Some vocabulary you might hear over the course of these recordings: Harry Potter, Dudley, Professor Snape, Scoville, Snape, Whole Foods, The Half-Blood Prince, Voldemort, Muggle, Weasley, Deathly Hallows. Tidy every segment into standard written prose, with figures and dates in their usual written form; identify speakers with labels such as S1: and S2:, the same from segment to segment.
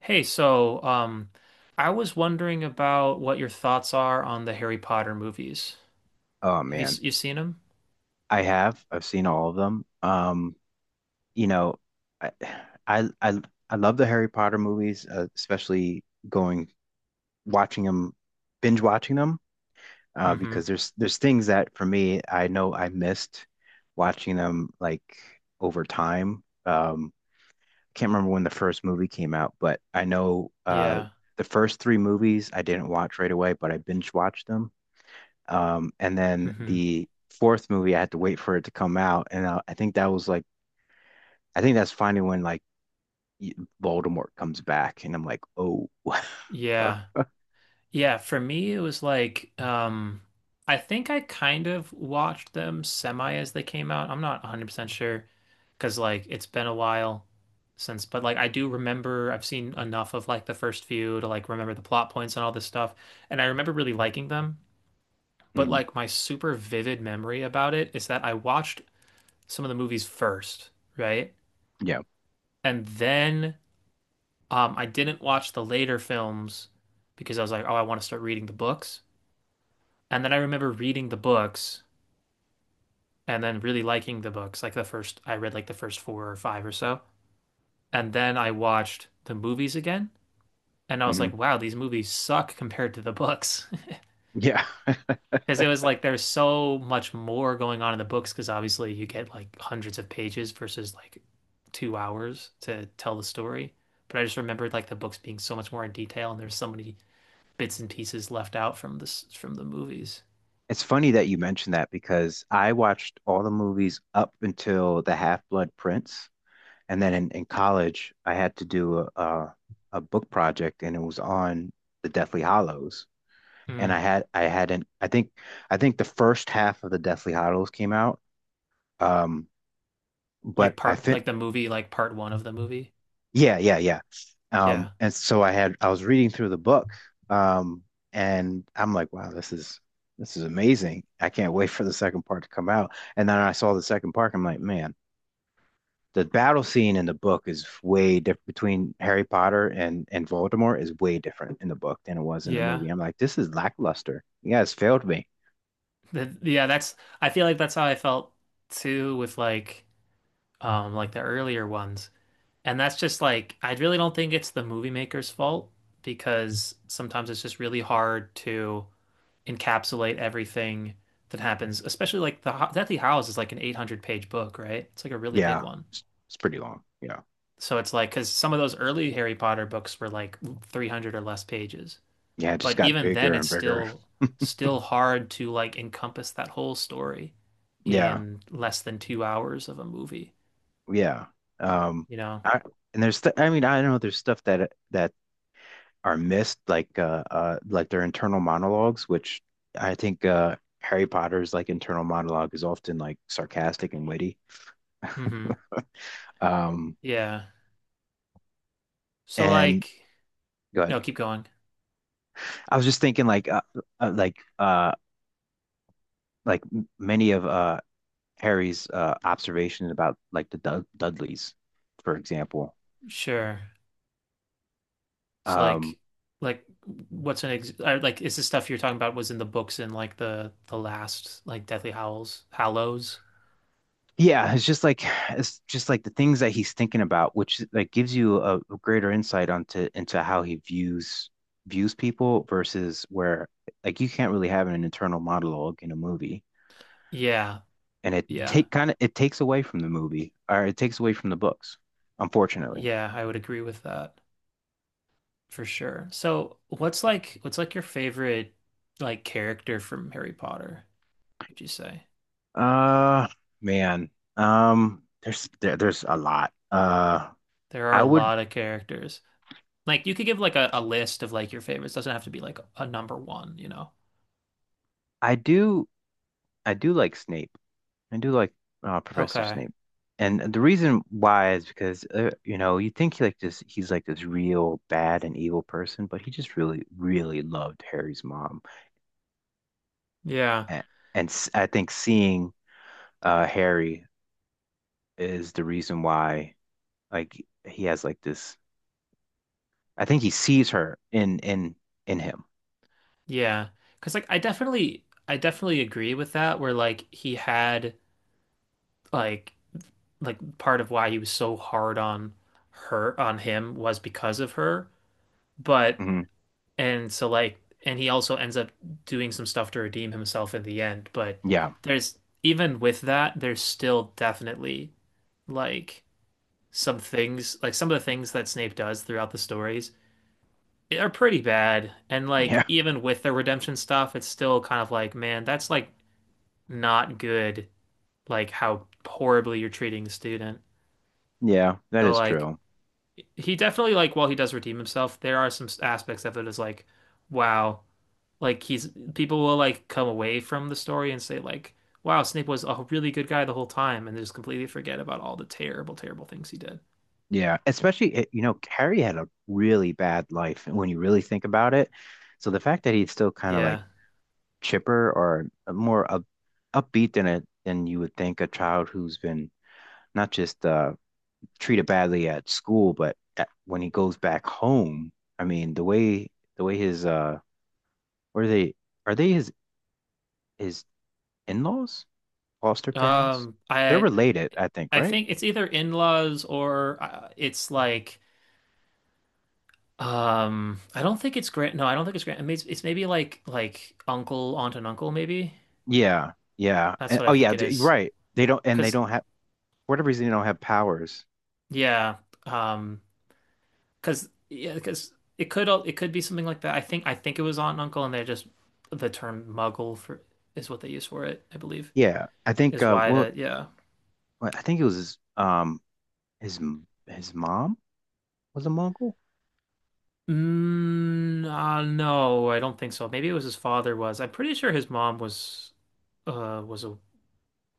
S1: Hey, so I was wondering about what your thoughts are on the Harry Potter movies.
S2: Oh
S1: Have you
S2: man,
S1: you seen them?
S2: I have. I've seen all of them. You know, I I I, I love the Harry Potter movies, especially going watching them, binge watching them,
S1: Mm-hmm.
S2: because there's things that for me I know I missed watching them like over time. I can't remember when the first movie came out, but I know
S1: Yeah.
S2: the first three movies I didn't watch right away, but I binge watched them. And then
S1: Mm-hmm.
S2: the fourth movie, I had to wait for it to come out, and I think that was like, I think that's finally when like y- Voldemort comes back, and I'm like, oh.
S1: Yeah. Yeah. For me, it was like I think I kind of watched them semi as they came out. I'm not 100% sure because like it's been a while since, but like I do remember I've seen enough of like the first few to like remember the plot points and all this stuff, and I remember really liking them. But
S2: Mm,
S1: like my super vivid memory about it is that I watched some of the movies first, right?
S2: yeah,
S1: And then I didn't watch the later films because I was like, oh, I want to start reading the books. And then I remember reading the books and then really liking the books. Like the first, I read like the first four or five or so. And then I watched the movies again. And I was
S2: mhm,
S1: like, wow, these movies suck compared to the books.
S2: yeah.
S1: Because it was like there's so much more going on in the books, because obviously you get like hundreds of pages versus like 2 hours to tell the story. But I just remembered like the books being so much more in detail, and there's so many bits and pieces left out from the movies.
S2: It's funny that you mentioned that because I watched all the movies up until The Half-Blood Prince, and then in college, I had to do a book project, and it was on the Deathly Hollows, and
S1: Mm.
S2: I had I hadn't I think the first half of the Deathly Hollows came out. Um,
S1: Like
S2: but I
S1: part
S2: fit.
S1: like the movie, like part one of the movie.
S2: Yeah, yeah, yeah.
S1: Yeah.
S2: And so I was reading through the book, um, and I'm like, wow, this is amazing. I can't wait for the second part to come out. And then I saw the second part. I'm like, man, the battle scene in the book is way different between Harry Potter and Voldemort is way different in the book than it was in the
S1: Yeah.
S2: movie. I'm like, this is lackluster. You guys failed me.
S1: Yeah, that's I feel like that's how I felt too with like the earlier ones. And that's just like, I really don't think it's the movie maker's fault because sometimes it's just really hard to encapsulate everything that happens, especially like the Deathly Hallows is like an 800-page book, right? It's like a really big
S2: Yeah,
S1: one.
S2: it's pretty long. Yeah,
S1: So it's like, because some of those early Harry Potter books were like 300 or less pages.
S2: yeah, it just
S1: But
S2: got
S1: even then,
S2: bigger
S1: it's
S2: and bigger.
S1: still hard to like encompass that whole story
S2: Yeah,
S1: in less than 2 hours of a movie,
S2: yeah. Um,
S1: you know?
S2: I I mean I know there's stuff that are missed like their internal monologues, which I think Harry Potter's like internal monologue is often like sarcastic and witty.
S1: Hmm.
S2: Um,
S1: Yeah. So
S2: and
S1: like,
S2: good.
S1: no, keep going.
S2: I was just thinking like uh like uh many of Harry's observations about like the Dudleys, for example.
S1: Sure. So like
S2: um.
S1: like what's an ex I- like is the stuff you're talking about was in the books in like the last like Deathly Howls Hallows?
S2: Yeah, it's just like the things that he's thinking about, which like gives you a greater insight onto into how he views people versus where like you can't really have an internal monologue in a movie,
S1: Yeah.
S2: and
S1: Yeah.
S2: it takes away from the movie or it takes away from the books, unfortunately.
S1: Yeah, I would agree with that for sure. So what's like your favorite like character from Harry Potter, would you say?
S2: Uh, man, there's a lot.
S1: There are
S2: I
S1: a
S2: would
S1: lot of characters. Like you could give like a list of like your favorites. Doesn't have to be like a number one, you know?
S2: I do I do like Snape. I do like Professor
S1: Okay.
S2: Snape, and the reason why is because you know you think he's like this real bad and evil person, but he just really loved Harry's mom,
S1: Yeah.
S2: and, I think seeing Harry is the reason why like he has like this. I think he sees her in him.
S1: Yeah. Cause like I definitely agree with that where like he had like like part of why he was so hard on her on him was because of her. But
S2: Hmm.
S1: and so like and he also ends up doing some stuff to redeem himself in the end. But
S2: Yeah,
S1: there's even with that, there's still definitely like some things like some of the things that Snape does throughout the stories are pretty bad. And like
S2: yeah,
S1: even with the redemption stuff, it's still kind of like, man, that's like not good, like how horribly you're treating the student.
S2: yeah. That
S1: So
S2: is
S1: like
S2: true.
S1: he definitely like while he does redeem himself, there are some aspects of it is like, wow, like he's people will like come away from the story and say like, wow, Snape was a really good guy the whole time, and they just completely forget about all the terrible, terrible things he did.
S2: Yeah, especially you know Harry had a really bad life when you really think about it. So the fact that he still kind of like
S1: Yeah.
S2: chipper or more up, upbeat than a than you would think a child who's been not just treated badly at school, but when he goes back home, I mean the way his what are they his his in-laws, foster parents?
S1: Um,
S2: They're
S1: I
S2: related, I think,
S1: I
S2: right?
S1: think it's either in-laws or it's like I don't think it's grand, no, I don't think it's grand, it's maybe like uncle, aunt and uncle maybe.
S2: Yeah, yeah.
S1: That's
S2: And,
S1: what I
S2: oh
S1: think
S2: yeah,
S1: it is.
S2: right. They
S1: Cause
S2: don't have for whatever reason they don't have powers.
S1: yeah, um, cause yeah, cause it could it could be something like that. I think it was Aunt and Uncle, and they just the term Muggle for is what they use for it. I believe
S2: Yeah, I think
S1: is why
S2: well,
S1: that, yeah.
S2: I think it was his, his mom was a Mongol.
S1: Mm, no, I don't think so. Maybe it was his father was. I'm pretty sure his mom was a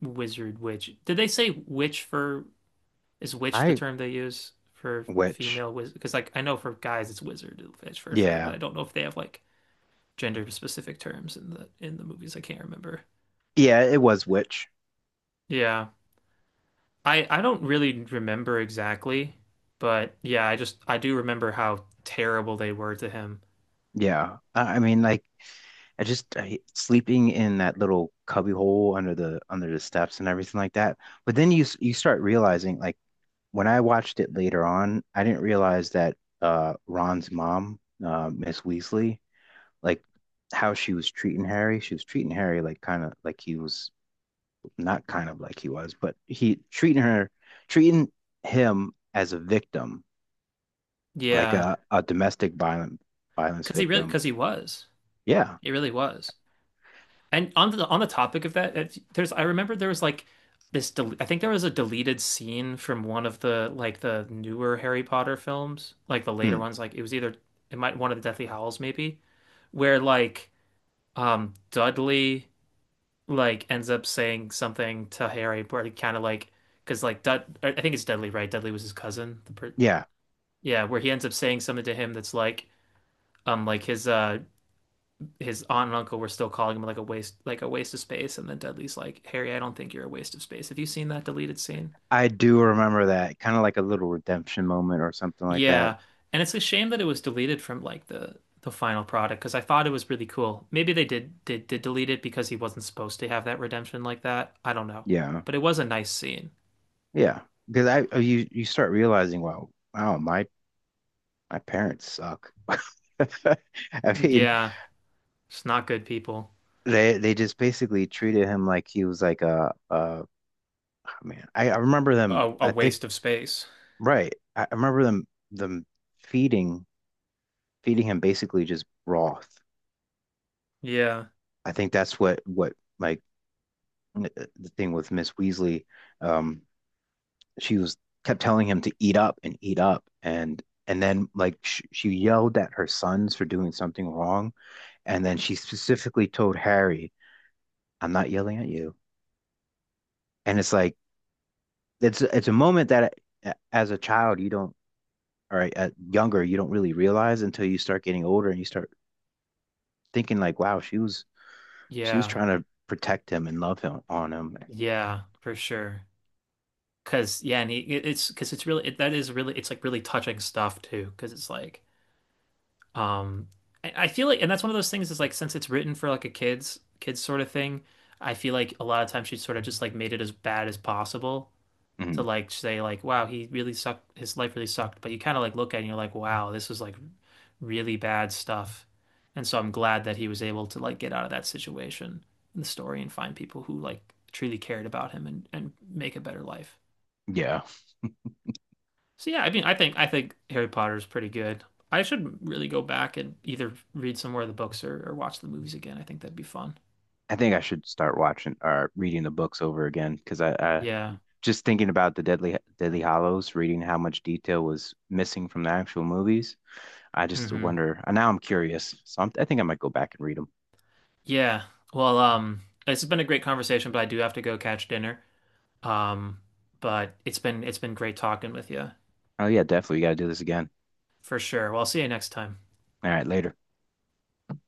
S1: wizard witch. Did they say witch for Is witch the
S2: I
S1: term they use for
S2: Witch.
S1: female wizard? Because like I know for guys it's wizard witch for sure, but
S2: Yeah.
S1: I don't know if they have like gender specific terms in the movies. I can't remember.
S2: Yeah, it was Witch.
S1: Yeah. I don't really remember exactly, but yeah, I do remember how terrible they were to him.
S2: Yeah. I mean like sleeping in that little cubby hole under the steps and everything like that. But then you start realizing like when I watched it later on, I didn't realize that Ron's mom, Miss Weasley, like how she was treating Harry. She was treating Harry like kind of like he was not kind of like he was, but he treating her treating him as a victim like
S1: Yeah,
S2: a domestic violent violence
S1: because he really,
S2: victim.
S1: because he was,
S2: Yeah.
S1: he really was. And on the topic of that, there's I remember there was like this del I think there was a deleted scene from one of the like the newer Harry Potter films, like the later
S2: Hmm.
S1: ones. Like it was either it might one of the Deathly Hallows maybe, where like Dudley like ends up saying something to Harry, where he kind of like, because like I think it's Dudley, right? Dudley was his cousin. The per
S2: Yeah.
S1: Yeah, where he ends up saying something to him that's like his aunt and uncle were still calling him like a waste of space, and then Dudley's like, Harry, I don't think you're a waste of space. Have you seen that deleted scene?
S2: I do remember that. Kind of like a little redemption moment or something like that.
S1: Yeah, and it's a shame that it was deleted from like the final product because I thought it was really cool. Maybe they did delete it because he wasn't supposed to have that redemption like that. I don't know,
S2: Yeah.
S1: but it was a nice scene.
S2: Yeah. Because I you you start realizing, wow, wow, my parents suck. I mean,
S1: Yeah. It's not good people.
S2: they just basically treated him like he was like a man. I remember them.
S1: A
S2: I think
S1: waste of space.
S2: right. I remember them feeding feeding him basically just broth.
S1: Yeah.
S2: I think that's what like the thing with Miss Weasley, um, she was kept telling him to eat up, and then like sh she yelled at her sons for doing something wrong, and then she specifically told Harry, "I'm not yelling at you." And it's like it's a moment that as a child you don't, or younger you don't really realize until you start getting older and you start thinking like, "Wow, she was
S1: Yeah.
S2: trying to protect him and love him on him."
S1: Yeah, for sure. Cause yeah, and it's 'cause it's really it, that is really it's like really touching stuff too. Cause it's like um I feel like and that's one of those things is like since it's written for like a kids sort of thing, I feel like a lot of times she sort of just like made it as bad as possible to
S2: Mhm.
S1: like say like wow he really sucked his life really sucked but you kind of like look at it and you're like wow this was like really bad stuff and so I'm glad that he was able to like get out of that situation in the story and find people who like truly cared about him and make a better life
S2: Yeah,
S1: so yeah I mean I think Harry Potter is pretty good I should really go back and either read some more of the books or watch the movies again I think that'd be fun.
S2: I think I should start watching or reading the books over again because I
S1: Yeah.
S2: just thinking about the Deadly Hollows, reading how much detail was missing from the actual movies, I just
S1: Hmm.
S2: wonder. And now I'm curious, so I think I might go back and read them.
S1: Yeah. Well, it's been a great conversation but I do have to go catch dinner. Um, but it's been great talking with you
S2: Oh yeah, definitely. We got to do this again.
S1: for sure. Well, I'll see you next time.
S2: All right, later.